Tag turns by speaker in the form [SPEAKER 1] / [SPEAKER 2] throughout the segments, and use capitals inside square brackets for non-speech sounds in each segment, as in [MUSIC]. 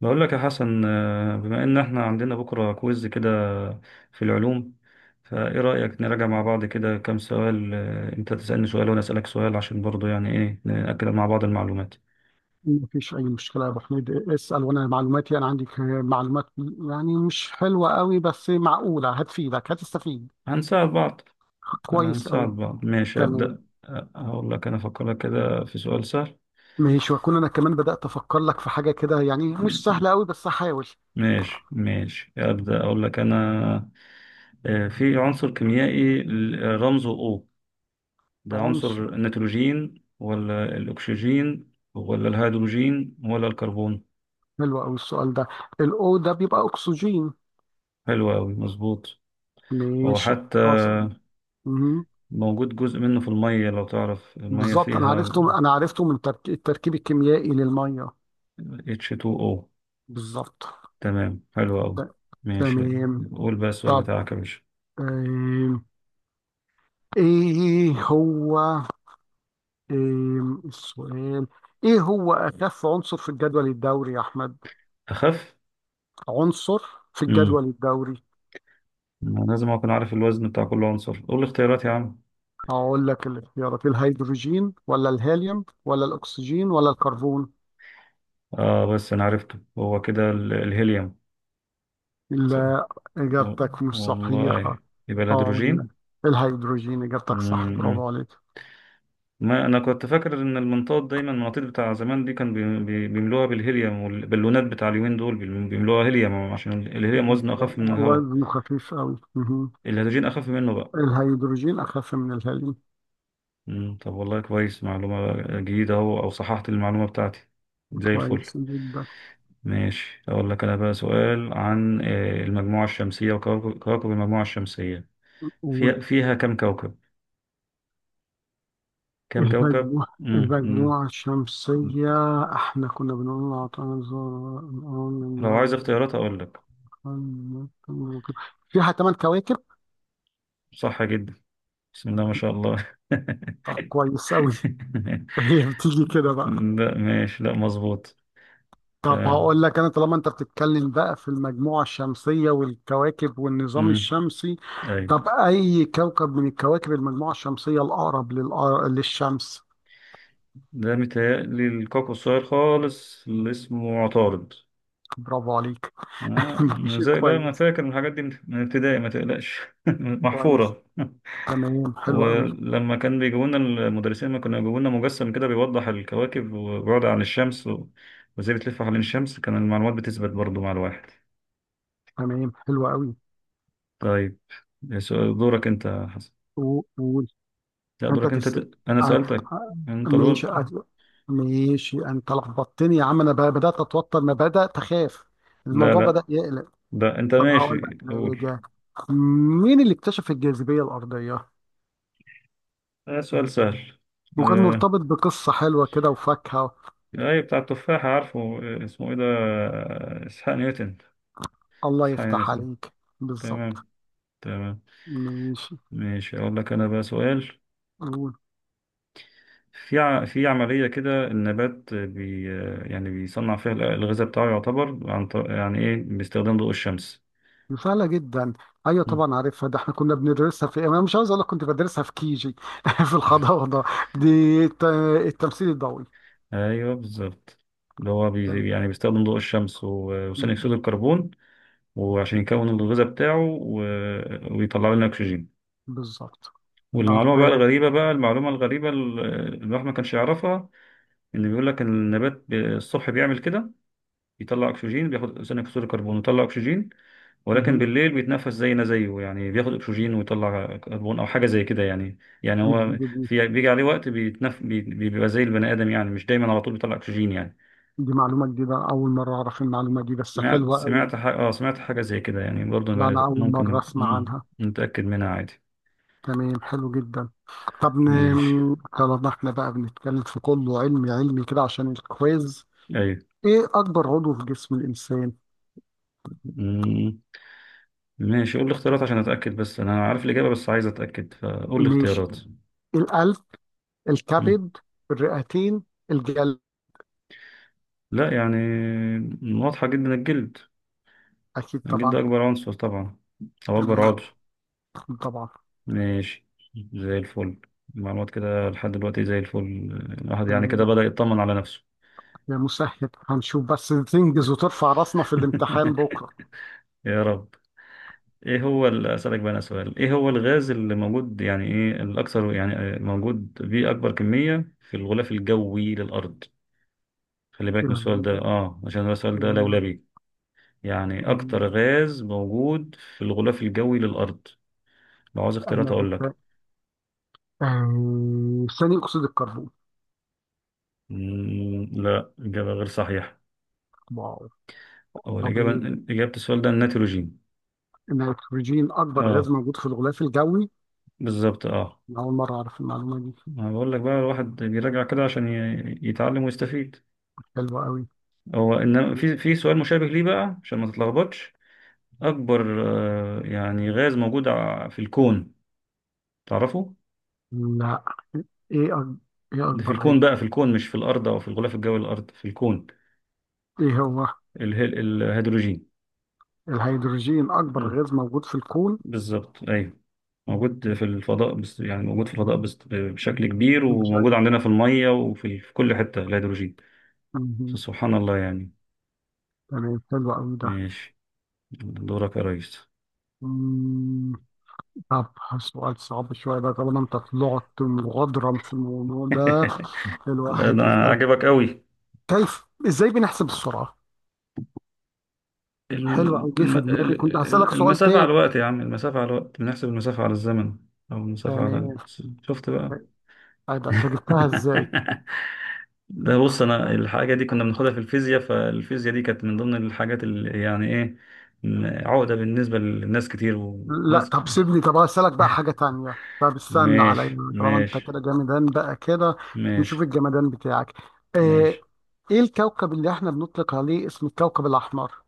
[SPEAKER 1] بقول لك يا حسن، بما ان احنا عندنا بكرة كويز كده في العلوم. فايه رأيك نراجع مع بعض كده كام سؤال؟ انت تسألني سؤال وانا أسألك سؤال عشان برضو يعني ايه نأكد مع بعض المعلومات.
[SPEAKER 2] مفيش أي مشكلة يا أبو حميد. اسأل وأنا معلوماتي، عندي معلومات يعني مش حلوة قوي، بس معقولة. هتفيدك، هتستفيد.
[SPEAKER 1] هنساعد بعض، يعني
[SPEAKER 2] كويس
[SPEAKER 1] هنساعد
[SPEAKER 2] قوي.
[SPEAKER 1] بعض. ماشي،
[SPEAKER 2] تمام.
[SPEAKER 1] أبدأ هقول لك انا افكر لك كده في سؤال سهل.
[SPEAKER 2] ماشي وأكون أنا كمان بدأت أفكر لك في حاجة كده يعني مش
[SPEAKER 1] م-
[SPEAKER 2] سهلة قوي، بس هحاول.
[SPEAKER 1] ماشي ماشي، أبدأ اقول لك انا. في عنصر كيميائي، رمزه O، بعنصر
[SPEAKER 2] عنصر.
[SPEAKER 1] النيتروجين ولا الأكسجين ولا الهيدروجين ولا الكربون؟
[SPEAKER 2] حلو قوي السؤال ده. الأو ده بيبقى أكسجين.
[SPEAKER 1] حلو أوي، مظبوط. هو
[SPEAKER 2] ماشي.
[SPEAKER 1] حتى
[SPEAKER 2] حصل. مهم.
[SPEAKER 1] موجود جزء منه في المية، لو تعرف المية
[SPEAKER 2] بالظبط،
[SPEAKER 1] فيها
[SPEAKER 2] أنا عرفته من التركيب الكيميائي للمية.
[SPEAKER 1] H2O.
[SPEAKER 2] بالظبط.
[SPEAKER 1] تمام، حلو أوي.
[SPEAKER 2] ت-
[SPEAKER 1] ماشي،
[SPEAKER 2] تمام.
[SPEAKER 1] قول بقى السؤال
[SPEAKER 2] طب،
[SPEAKER 1] بتاعك يا باشا.
[SPEAKER 2] آم، إيه هو؟ إيه السؤال؟ ايه هو اخف عنصر في الجدول الدوري يا احمد؟
[SPEAKER 1] أخف؟
[SPEAKER 2] عنصر في
[SPEAKER 1] مم.
[SPEAKER 2] الجدول الدوري.
[SPEAKER 1] أنا لازم أكون عارف الوزن بتاع كل عنصر، قول لي اختيارات يا عم.
[SPEAKER 2] اقول لك الاختيارات: الهيدروجين ولا الهيليوم ولا الاكسجين ولا الكربون؟
[SPEAKER 1] بس أنا عرفته، هو كده الهيليوم. صح.
[SPEAKER 2] لا،
[SPEAKER 1] و-
[SPEAKER 2] اجابتك مش صحيحه.
[SPEAKER 1] والله يبقى
[SPEAKER 2] اه،
[SPEAKER 1] الهيدروجين.
[SPEAKER 2] الهيدروجين اجابتك صح،
[SPEAKER 1] مم.
[SPEAKER 2] برافو عليك.
[SPEAKER 1] ما انا كنت فاكر ان المنطاد، دايما المناطيد بتاع زمان دي كان بيملوها بالهيليوم، والبالونات بتاع اليومين دول بيملوها هيليوم عشان الهيليوم وزنه
[SPEAKER 2] بالظبط،
[SPEAKER 1] اخف من الهواء.
[SPEAKER 2] وزنه خفيف قوي.
[SPEAKER 1] الهيدروجين اخف منه بقى.
[SPEAKER 2] الهيدروجين اخف من الهيليوم.
[SPEAKER 1] طب والله كويس، معلومة جديدة اهو، او صححت المعلومة بتاعتي، زي الفل.
[SPEAKER 2] كويس جدا.
[SPEAKER 1] ماشي، اقول لك انا بقى سؤال عن المجموعة الشمسية، وكواكب المجموعة الشمسية، فيها كم كوكب؟
[SPEAKER 2] المجموعة
[SPEAKER 1] مم، مم.
[SPEAKER 2] المجموعة الشمسية، احنا كنا بنقول عطانا الزهرة، الأرض،
[SPEAKER 1] لو عايز
[SPEAKER 2] المنام،
[SPEAKER 1] اختيارات اقول لك.
[SPEAKER 2] القمر، القمر، القمر. فيها ثمان كواكب.
[SPEAKER 1] صح جدا، بسم الله ما شاء الله.
[SPEAKER 2] طب كويس أوي.
[SPEAKER 1] [LAUGHS]
[SPEAKER 2] هي بتيجي كده بقى.
[SPEAKER 1] لا ماشي، لا مظبوط.
[SPEAKER 2] طب
[SPEAKER 1] تمام.
[SPEAKER 2] هقول لك انا، طالما انت بتتكلم بقى في المجموعة الشمسية والكواكب والنظام
[SPEAKER 1] امم
[SPEAKER 2] الشمسي،
[SPEAKER 1] اي،
[SPEAKER 2] طب اي كوكب من الكواكب المجموعة الشمسية الاقرب للشمس؟
[SPEAKER 1] ده متهيألي الكوكو الصغير خالص اللي اسمه عطارد.
[SPEAKER 2] برافو عليك. [LAUGHS]
[SPEAKER 1] آه.
[SPEAKER 2] ماشي
[SPEAKER 1] زي، لا انا
[SPEAKER 2] كويس.
[SPEAKER 1] فاكر من الحاجات دي، من ابتدائي، ما تقلقش. [LAUGHS]
[SPEAKER 2] كويس،
[SPEAKER 1] محفورة.
[SPEAKER 2] تمام حلو قوي.
[SPEAKER 1] ولما كان بيجيبوا لنا المدرسين، ما كانوا بيجيبوا لنا مجسم كده بيوضح الكواكب وبعد عن الشمس و... وازاي بتلف حوالين الشمس، كان المعلومات بتثبت برضو مع الواحد.
[SPEAKER 2] تمام حلو قوي.
[SPEAKER 1] طيب، دورك انت يا حسن.
[SPEAKER 2] و- و-
[SPEAKER 1] لا
[SPEAKER 2] انت
[SPEAKER 1] دورك
[SPEAKER 2] في
[SPEAKER 1] انت انا
[SPEAKER 2] ع-
[SPEAKER 1] سألتك.
[SPEAKER 2] ع-
[SPEAKER 1] انت
[SPEAKER 2] ماشي.
[SPEAKER 1] دور.
[SPEAKER 2] ماشي، انت لخبطتني يا عم. انا بدات اتوتر، انا بدات اخاف.
[SPEAKER 1] لا
[SPEAKER 2] الموضوع
[SPEAKER 1] لا،
[SPEAKER 2] بدا يقلق.
[SPEAKER 1] ده انت
[SPEAKER 2] طب هقول لك
[SPEAKER 1] ماشي قول.
[SPEAKER 2] حاجه: مين اللي اكتشف الجاذبيه الارضيه،
[SPEAKER 1] ده سؤال سهل.
[SPEAKER 2] وكان
[SPEAKER 1] آه،
[SPEAKER 2] مرتبط بقصه حلوه كده وفاكهه؟
[SPEAKER 1] أي بتاع التفاحة، عارفه، اسمه إيه ده، إسحاق نيوتن.
[SPEAKER 2] الله
[SPEAKER 1] إسحاق
[SPEAKER 2] يفتح
[SPEAKER 1] نيوتن.
[SPEAKER 2] عليك.
[SPEAKER 1] تمام،
[SPEAKER 2] بالظبط.
[SPEAKER 1] تمام.
[SPEAKER 2] ماشي،
[SPEAKER 1] ماشي، أقول لك أنا بقى سؤال.
[SPEAKER 2] قول.
[SPEAKER 1] في في عملية كده النبات بي آه، يعني بيصنع فيها الغذاء بتاعه، يعتبر عن يعني إيه باستخدام ضوء الشمس.
[SPEAKER 2] سهله جدا. ايوه
[SPEAKER 1] مم.
[SPEAKER 2] طبعا عارفها، ده احنا كنا بندرسها في، انا مش عاوز اقول لك، كنت بدرسها في كيجي. [LAUGHS] في الحضانه. دي التمثيل
[SPEAKER 1] أيوه بالظبط، اللي هو
[SPEAKER 2] الضوئي.
[SPEAKER 1] يعني بيستخدم ضوء الشمس وثاني أكسيد الكربون، وعشان يكون الغذاء بتاعه، ويطلع لنا أكسجين.
[SPEAKER 2] بالظبط.
[SPEAKER 1] والمعلومة بقى
[SPEAKER 2] عارفة.
[SPEAKER 1] الغريبة بقى المعلومة الغريبة اللي الواحد ما كانش يعرفها، إن بيقول لك إن النبات الصبح بيعمل كده، بيطلع أكسجين، بياخد ثاني أكسيد الكربون ويطلع أكسجين، ولكن
[SPEAKER 2] مهم.
[SPEAKER 1] بالليل بيتنفس زينا زيه، يعني بياخد أكسجين ويطلع كربون أو حاجة زي كده، يعني،
[SPEAKER 2] دي
[SPEAKER 1] هو
[SPEAKER 2] جديدة دي.
[SPEAKER 1] في بيجي عليه وقت بيبقى زي البني آدم، يعني مش دايما على طول بيطلع أكسجين يعني.
[SPEAKER 2] دي معلومة جديدة، أول مرة أعرف المعلومة دي، بس حلوة أوي.
[SPEAKER 1] سمعت حاجة زي كده يعني برضه.
[SPEAKER 2] لا، أنا أول
[SPEAKER 1] ممكن
[SPEAKER 2] مرة أسمع عنها.
[SPEAKER 1] نتأكد منها عادي.
[SPEAKER 2] تمام حلو جدا. طب
[SPEAKER 1] ماشي،
[SPEAKER 2] طالما احنا بقى بنتكلم في كله علمي علمي كده عشان الكويز،
[SPEAKER 1] أيوه.
[SPEAKER 2] إيه أكبر عضو في جسم الإنسان؟
[SPEAKER 1] مم. ماشي، قول لي اختيارات عشان اتاكد، بس انا عارف الاجابه، بس عايز اتاكد فقول لي
[SPEAKER 2] ماشي:
[SPEAKER 1] اختيارات.
[SPEAKER 2] القلب،
[SPEAKER 1] مم.
[SPEAKER 2] الكبد، الرئتين، الجلد.
[SPEAKER 1] لا يعني واضحه جدا الجلد.
[SPEAKER 2] أكيد
[SPEAKER 1] الجلد
[SPEAKER 2] طبعا.
[SPEAKER 1] اكبر عنصر طبعا، او اكبر
[SPEAKER 2] تمام.
[SPEAKER 1] عضو.
[SPEAKER 2] طبعا.
[SPEAKER 1] ماشي، زي الفل. المعلومات كده لحد دلوقتي زي الفل، الواحد يعني كده
[SPEAKER 2] تمام.
[SPEAKER 1] بدأ يطمن على نفسه.
[SPEAKER 2] يا مسهل هنشوف، بس تنجز وترفع راسنا في
[SPEAKER 1] [LAUGHS]
[SPEAKER 2] الامتحان بكرة.
[SPEAKER 1] يا رب. ايه هو اسالك بقى انا سؤال، ايه هو الغاز اللي موجود يعني، ايه الاكثر، يعني موجود بيه اكبر كميه في الغلاف الجوي للارض؟ خلي بالك من السؤال ده، عشان ده السؤال ده
[SPEAKER 2] تمام.
[SPEAKER 1] لولبي. يعني أكتر
[SPEAKER 2] مم.
[SPEAKER 1] غاز موجود في الغلاف الجوي للأرض. لو عاوز اختيارات
[SPEAKER 2] أنا
[SPEAKER 1] أقول لك.
[SPEAKER 2] ثاني أكسيد الكربون.
[SPEAKER 1] لا إجابة غير صحيحة.
[SPEAKER 2] واو.
[SPEAKER 1] أو الإجابة
[SPEAKER 2] طبيعة.
[SPEAKER 1] إجابة السؤال ده النيتروجين.
[SPEAKER 2] النيتروجين أكبر غاز
[SPEAKER 1] أه،
[SPEAKER 2] موجود في الغلاف الجوي.
[SPEAKER 1] بالظبط أه.
[SPEAKER 2] أنا أول مرة أعرف المعلومة دي.
[SPEAKER 1] ما بقول لك بقى الواحد بيراجع كده عشان يتعلم ويستفيد.
[SPEAKER 2] حلوة قوي.
[SPEAKER 1] هو إن في سؤال مشابه ليه بقى عشان ما تتلخبطش. أكبر يعني غاز موجود في الكون، تعرفه؟
[SPEAKER 2] لا. إيه إيه
[SPEAKER 1] ده في
[SPEAKER 2] أكبر غاز؟
[SPEAKER 1] الكون بقى، في الكون مش في الأرض أو في الغلاف الجوي للأرض، في الكون.
[SPEAKER 2] إيه هو؟
[SPEAKER 1] الهيدروجين.
[SPEAKER 2] الهيدروجين أكبر
[SPEAKER 1] مم،
[SPEAKER 2] غاز موجود في الكون.
[SPEAKER 1] بالظبط أيوه. موجود في الفضاء بس، يعني موجود في الفضاء بس بشكل كبير، وموجود
[SPEAKER 2] بشكل.
[SPEAKER 1] عندنا في المية، وفي كل حتة الهيدروجين.
[SPEAKER 2] مهم.
[SPEAKER 1] سبحان الله يعني.
[SPEAKER 2] تمام حلو قوي ده.
[SPEAKER 1] ماشي، دورك يا ريس.
[SPEAKER 2] مم، طب سؤال صعب شوية بقى طالما أنت طلعت مغادرا في الموضوع ده.
[SPEAKER 1] [LAUGHS] لا
[SPEAKER 2] الواحد
[SPEAKER 1] أنا،
[SPEAKER 2] يسألك:
[SPEAKER 1] عجبك قوي.
[SPEAKER 2] كيف إزاي بنحسب السرعة؟ حلو أوي، جه في دماغي كنت هسألك سؤال
[SPEAKER 1] المسافة على
[SPEAKER 2] تاني.
[SPEAKER 1] الوقت يا عم، المسافة على الوقت، بنحسب المسافة على الزمن. أو المسافة على
[SPEAKER 2] تمام.
[SPEAKER 1] شفت بقى.
[SPEAKER 2] أي ده، أنت
[SPEAKER 1] [LAUGHS]
[SPEAKER 2] جبتها إزاي؟
[SPEAKER 1] ده بص أنا الحاجة دي كنا بناخدها في الفيزياء، فالفيزياء دي كانت من ضمن الحاجات اللي يعني إيه عقدة بالنسبة للناس كتير،
[SPEAKER 2] لا
[SPEAKER 1] وناس.
[SPEAKER 2] طب سيبني، طب هسألك بقى حاجة تانية. طب استنى
[SPEAKER 1] ماشي،
[SPEAKER 2] عليا طالما أنت
[SPEAKER 1] ماشي،
[SPEAKER 2] كده جمدان بقى كده.
[SPEAKER 1] ماشي،
[SPEAKER 2] نشوف الجمدان بتاعك. آه،
[SPEAKER 1] ماشي.
[SPEAKER 2] إيه الكوكب اللي إحنا بنطلق عليه اسم الكوكب الأحمر؟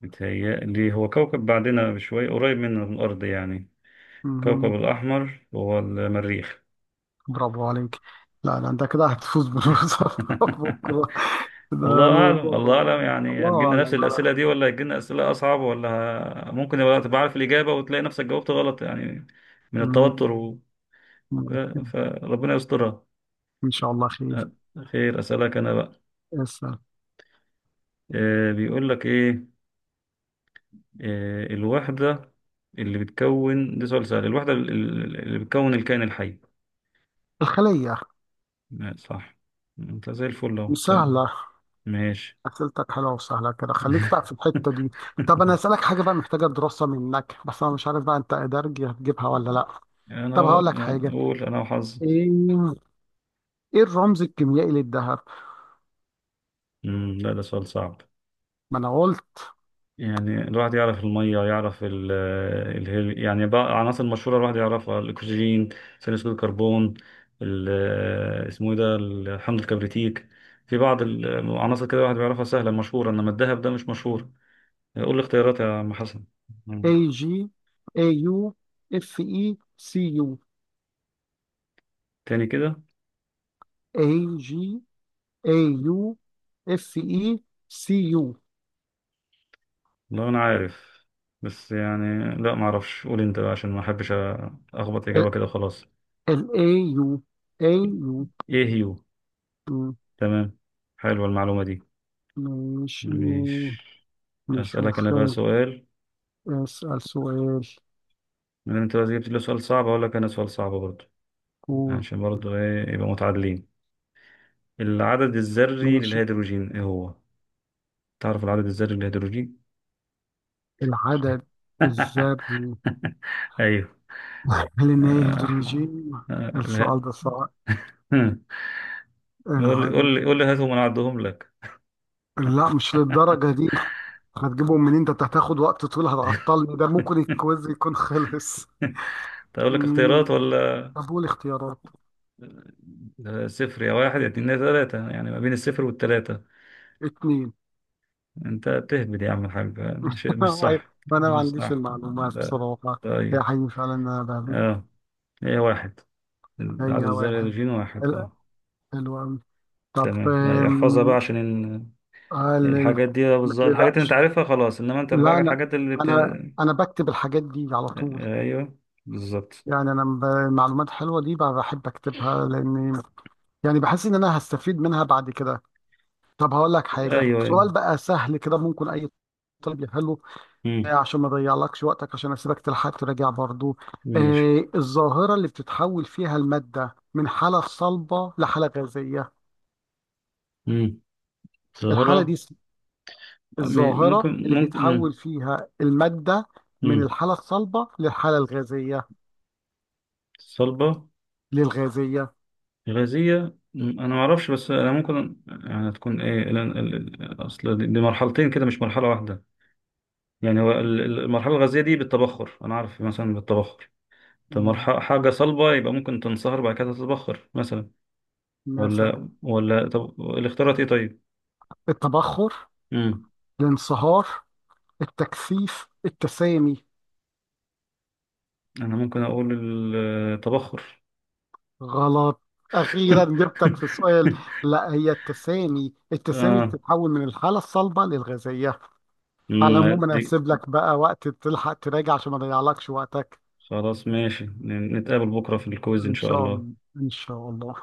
[SPEAKER 1] متهيألي هو كوكب بعدنا بشوية، قريب مننا من الأرض يعني. كوكب
[SPEAKER 2] مهم.
[SPEAKER 1] الأحمر هو المريخ.
[SPEAKER 2] برافو عليك. لا لا، أنت كده هتفوز بالوظيفة [LAUGHS]
[SPEAKER 1] [LAUGHS]
[SPEAKER 2] بكرة. ده
[SPEAKER 1] الله أعلم،
[SPEAKER 2] الموضوع.
[SPEAKER 1] الله أعلم. يعني
[SPEAKER 2] الله
[SPEAKER 1] هتجيلنا نفس
[SPEAKER 2] أعلم على.
[SPEAKER 1] الأسئلة دي ولا هتجيلنا أسئلة أصعب، ولا ممكن يبقى تبقى عارف الإجابة وتلاقي نفسك جاوبت غلط يعني، من
[SPEAKER 2] مم.
[SPEAKER 1] التوتر ف-
[SPEAKER 2] مم.
[SPEAKER 1] فربنا يسترها.
[SPEAKER 2] إن شاء الله
[SPEAKER 1] أ-
[SPEAKER 2] خير.
[SPEAKER 1] خير، أسألك أنا بقى.
[SPEAKER 2] اسأل.
[SPEAKER 1] بيقول لك إيه، الوحدة اللي بتكون، ده سؤال سهل، الوحدة اللي بتكون الكائن الحي.
[SPEAKER 2] الخلية.
[SPEAKER 1] لا، صح. انت زي الفل اهو، تمام.
[SPEAKER 2] مسهلة.
[SPEAKER 1] ماشي.
[SPEAKER 2] أسئلتك حلوة وسهلة كده، خليك بقى في الحتة دي.
[SPEAKER 1] [LAUGHS]
[SPEAKER 2] طب أنا أسألك حاجة بقى محتاجة دراسة منك، بس أنا مش عارف بقى أنت إدارجي هتجيبها ولا لأ.
[SPEAKER 1] انا،
[SPEAKER 2] طب
[SPEAKER 1] هو
[SPEAKER 2] هقول لك
[SPEAKER 1] أنا
[SPEAKER 2] حاجة.
[SPEAKER 1] اقول انا وحظي.
[SPEAKER 2] إيه. إيه الرمز الكيميائي للذهب؟
[SPEAKER 1] لا ده سؤال صعب.
[SPEAKER 2] ما أنا قلت.
[SPEAKER 1] يعني الواحد يعرف المية، يعرف ال ال يعني بقى عناصر مشهورة الواحد يعرفها، الأكسجين، ثاني أكسيد الكربون، اسمه إيه ده الحمض الكبريتيك. في بعض العناصر كده الواحد بيعرفها سهلة مشهورة، إنما الذهب ده مش مشهور. قول لي اختيارات يا عم حسن.
[SPEAKER 2] اي
[SPEAKER 1] مم.
[SPEAKER 2] جي، اي يو، اف اي، سي يو.
[SPEAKER 1] تاني كده.
[SPEAKER 2] اي جي، اي يو، اف اي، سي يو.
[SPEAKER 1] والله انا عارف، بس يعني لا ما اعرفش، قول انت بقى عشان ما احبش اخبط اجابه كده خلاص.
[SPEAKER 2] الاي يو. اي يو.
[SPEAKER 1] ايه هيو؟
[SPEAKER 2] مم.
[SPEAKER 1] تمام، حلوه المعلومه دي.
[SPEAKER 2] ماشي،
[SPEAKER 1] مش.
[SPEAKER 2] نشوف.
[SPEAKER 1] اسالك انا بقى سؤال،
[SPEAKER 2] اسأل سؤال.
[SPEAKER 1] من انت بقى جبت لي سؤال صعب اقول لك انا سؤال صعب برضه،
[SPEAKER 2] قول.
[SPEAKER 1] عشان برضه ايه، يبقى متعادلين. العدد الذري
[SPEAKER 2] ماشي.
[SPEAKER 1] للهيدروجين ايه هو، تعرف العدد الذري للهيدروجين؟
[SPEAKER 2] العدد الذري.
[SPEAKER 1] [LAUGHS] ايوه.
[SPEAKER 2] [LAUGHS] هل إن هي
[SPEAKER 1] آه،
[SPEAKER 2] هيدروجين؟
[SPEAKER 1] لا.
[SPEAKER 2] السؤال ده صعب.
[SPEAKER 1] [LAUGHS] قول لي،
[SPEAKER 2] العدد.
[SPEAKER 1] قول لي، قول لي، هاتهم انا اعدهم لك.
[SPEAKER 2] لا مش للدرجة
[SPEAKER 1] [LAUGHS]
[SPEAKER 2] دي. هتجيبهم منين ده، انت هتاخد وقت طويل، هتعطلني، ده ممكن الكويز يكون خلص.
[SPEAKER 1] طب اقول لك اختيارات
[SPEAKER 2] مم.
[SPEAKER 1] ولا؟
[SPEAKER 2] طب قول اختيارات.
[SPEAKER 1] صفر يا واحد يا اتنين يا تلاتة، يعني ما بين الصفر والتلاتة.
[SPEAKER 2] اتنين.
[SPEAKER 1] انت بتهبد يا عم الحاج، مش
[SPEAKER 2] [LAUGHS]
[SPEAKER 1] مش صح،
[SPEAKER 2] انا ما
[SPEAKER 1] مش
[SPEAKER 2] عنديش
[SPEAKER 1] صح.
[SPEAKER 2] المعلومات
[SPEAKER 1] لا،
[SPEAKER 2] بصراحة. هي
[SPEAKER 1] طيب.
[SPEAKER 2] حقيقي فعلا انا بهبد.
[SPEAKER 1] اه هي واحد،
[SPEAKER 2] هي
[SPEAKER 1] العدد الذري
[SPEAKER 2] واحد.
[SPEAKER 1] الجين واحد،
[SPEAKER 2] حلو.
[SPEAKER 1] اه،
[SPEAKER 2] حلو أوي. طب،
[SPEAKER 1] تمام. لا، يحفظها بقى عشان ال-
[SPEAKER 2] هل ال...
[SPEAKER 1] الحاجات دي
[SPEAKER 2] ما
[SPEAKER 1] بالظبط، الحاجات اللي انت
[SPEAKER 2] تقلقش.
[SPEAKER 1] عارفها خلاص، انما انت الحاجات،
[SPEAKER 2] لا،
[SPEAKER 1] اللي بت... آه،
[SPEAKER 2] انا بكتب الحاجات دي على طول.
[SPEAKER 1] ايوه بالظبط.
[SPEAKER 2] يعني انا المعلومات حلوه دي بقى بحب اكتبها، لاني يعني بحس ان انا هستفيد منها بعد كده. طب هقول لك
[SPEAKER 1] ايوه،
[SPEAKER 2] حاجه،
[SPEAKER 1] ايوه.
[SPEAKER 2] سؤال بقى سهل كده ممكن اي طالب يحله.
[SPEAKER 1] مم.
[SPEAKER 2] عشان ما اضيعلكش وقتك، عشان اسيبك تلحق تراجع برضو.
[SPEAKER 1] ماشي.
[SPEAKER 2] آه، الظاهره اللي بتتحول فيها الماده من حاله صلبه لحاله غازيه.
[SPEAKER 1] مم.
[SPEAKER 2] الحاله دي
[SPEAKER 1] ظاهرة.
[SPEAKER 2] الظاهره اللي
[SPEAKER 1] ممكن. مم.
[SPEAKER 2] بيتحول فيها الماده من
[SPEAKER 1] مم.
[SPEAKER 2] الحاله الصلبه للحاله الغازيه.
[SPEAKER 1] صلبة،
[SPEAKER 2] للغازيه.
[SPEAKER 1] غازية. أنا معرفش، بس أنا ممكن يعني تكون إيه أصل دي مرحلتين كده مش مرحلة واحدة. يعني هو المرحلة الغازية دي بالتبخر، أنا عارف مثلا بالتبخر. طب
[SPEAKER 2] م-
[SPEAKER 1] مرحلة حاجة صلبة، يبقى ممكن تنصهر بعد كده تتبخر مثلا.
[SPEAKER 2] مثلا.
[SPEAKER 1] ولا طب الاختيارات إيه طيب؟
[SPEAKER 2] التبخر،
[SPEAKER 1] مم.
[SPEAKER 2] الانصهار، التكثيف، التسامي.
[SPEAKER 1] أنا ممكن أقول التبخر.
[SPEAKER 2] غلط. أخيرا جبتك في السؤال.
[SPEAKER 1] [LAUGHS]
[SPEAKER 2] لا هي التسامي، التسامي
[SPEAKER 1] آه.
[SPEAKER 2] بتتحول من الحالة الصلبة للغازية. على العموم
[SPEAKER 1] مم.
[SPEAKER 2] أنا
[SPEAKER 1] دي.
[SPEAKER 2] هسيب لك بقى وقت تلحق تراجع عشان ما أضيعلكش وقتك.
[SPEAKER 1] خلاص ماشي، نتقابل بكرة في الكويز إن
[SPEAKER 2] إن
[SPEAKER 1] شاء
[SPEAKER 2] شاء
[SPEAKER 1] الله.
[SPEAKER 2] الله إن شاء الله.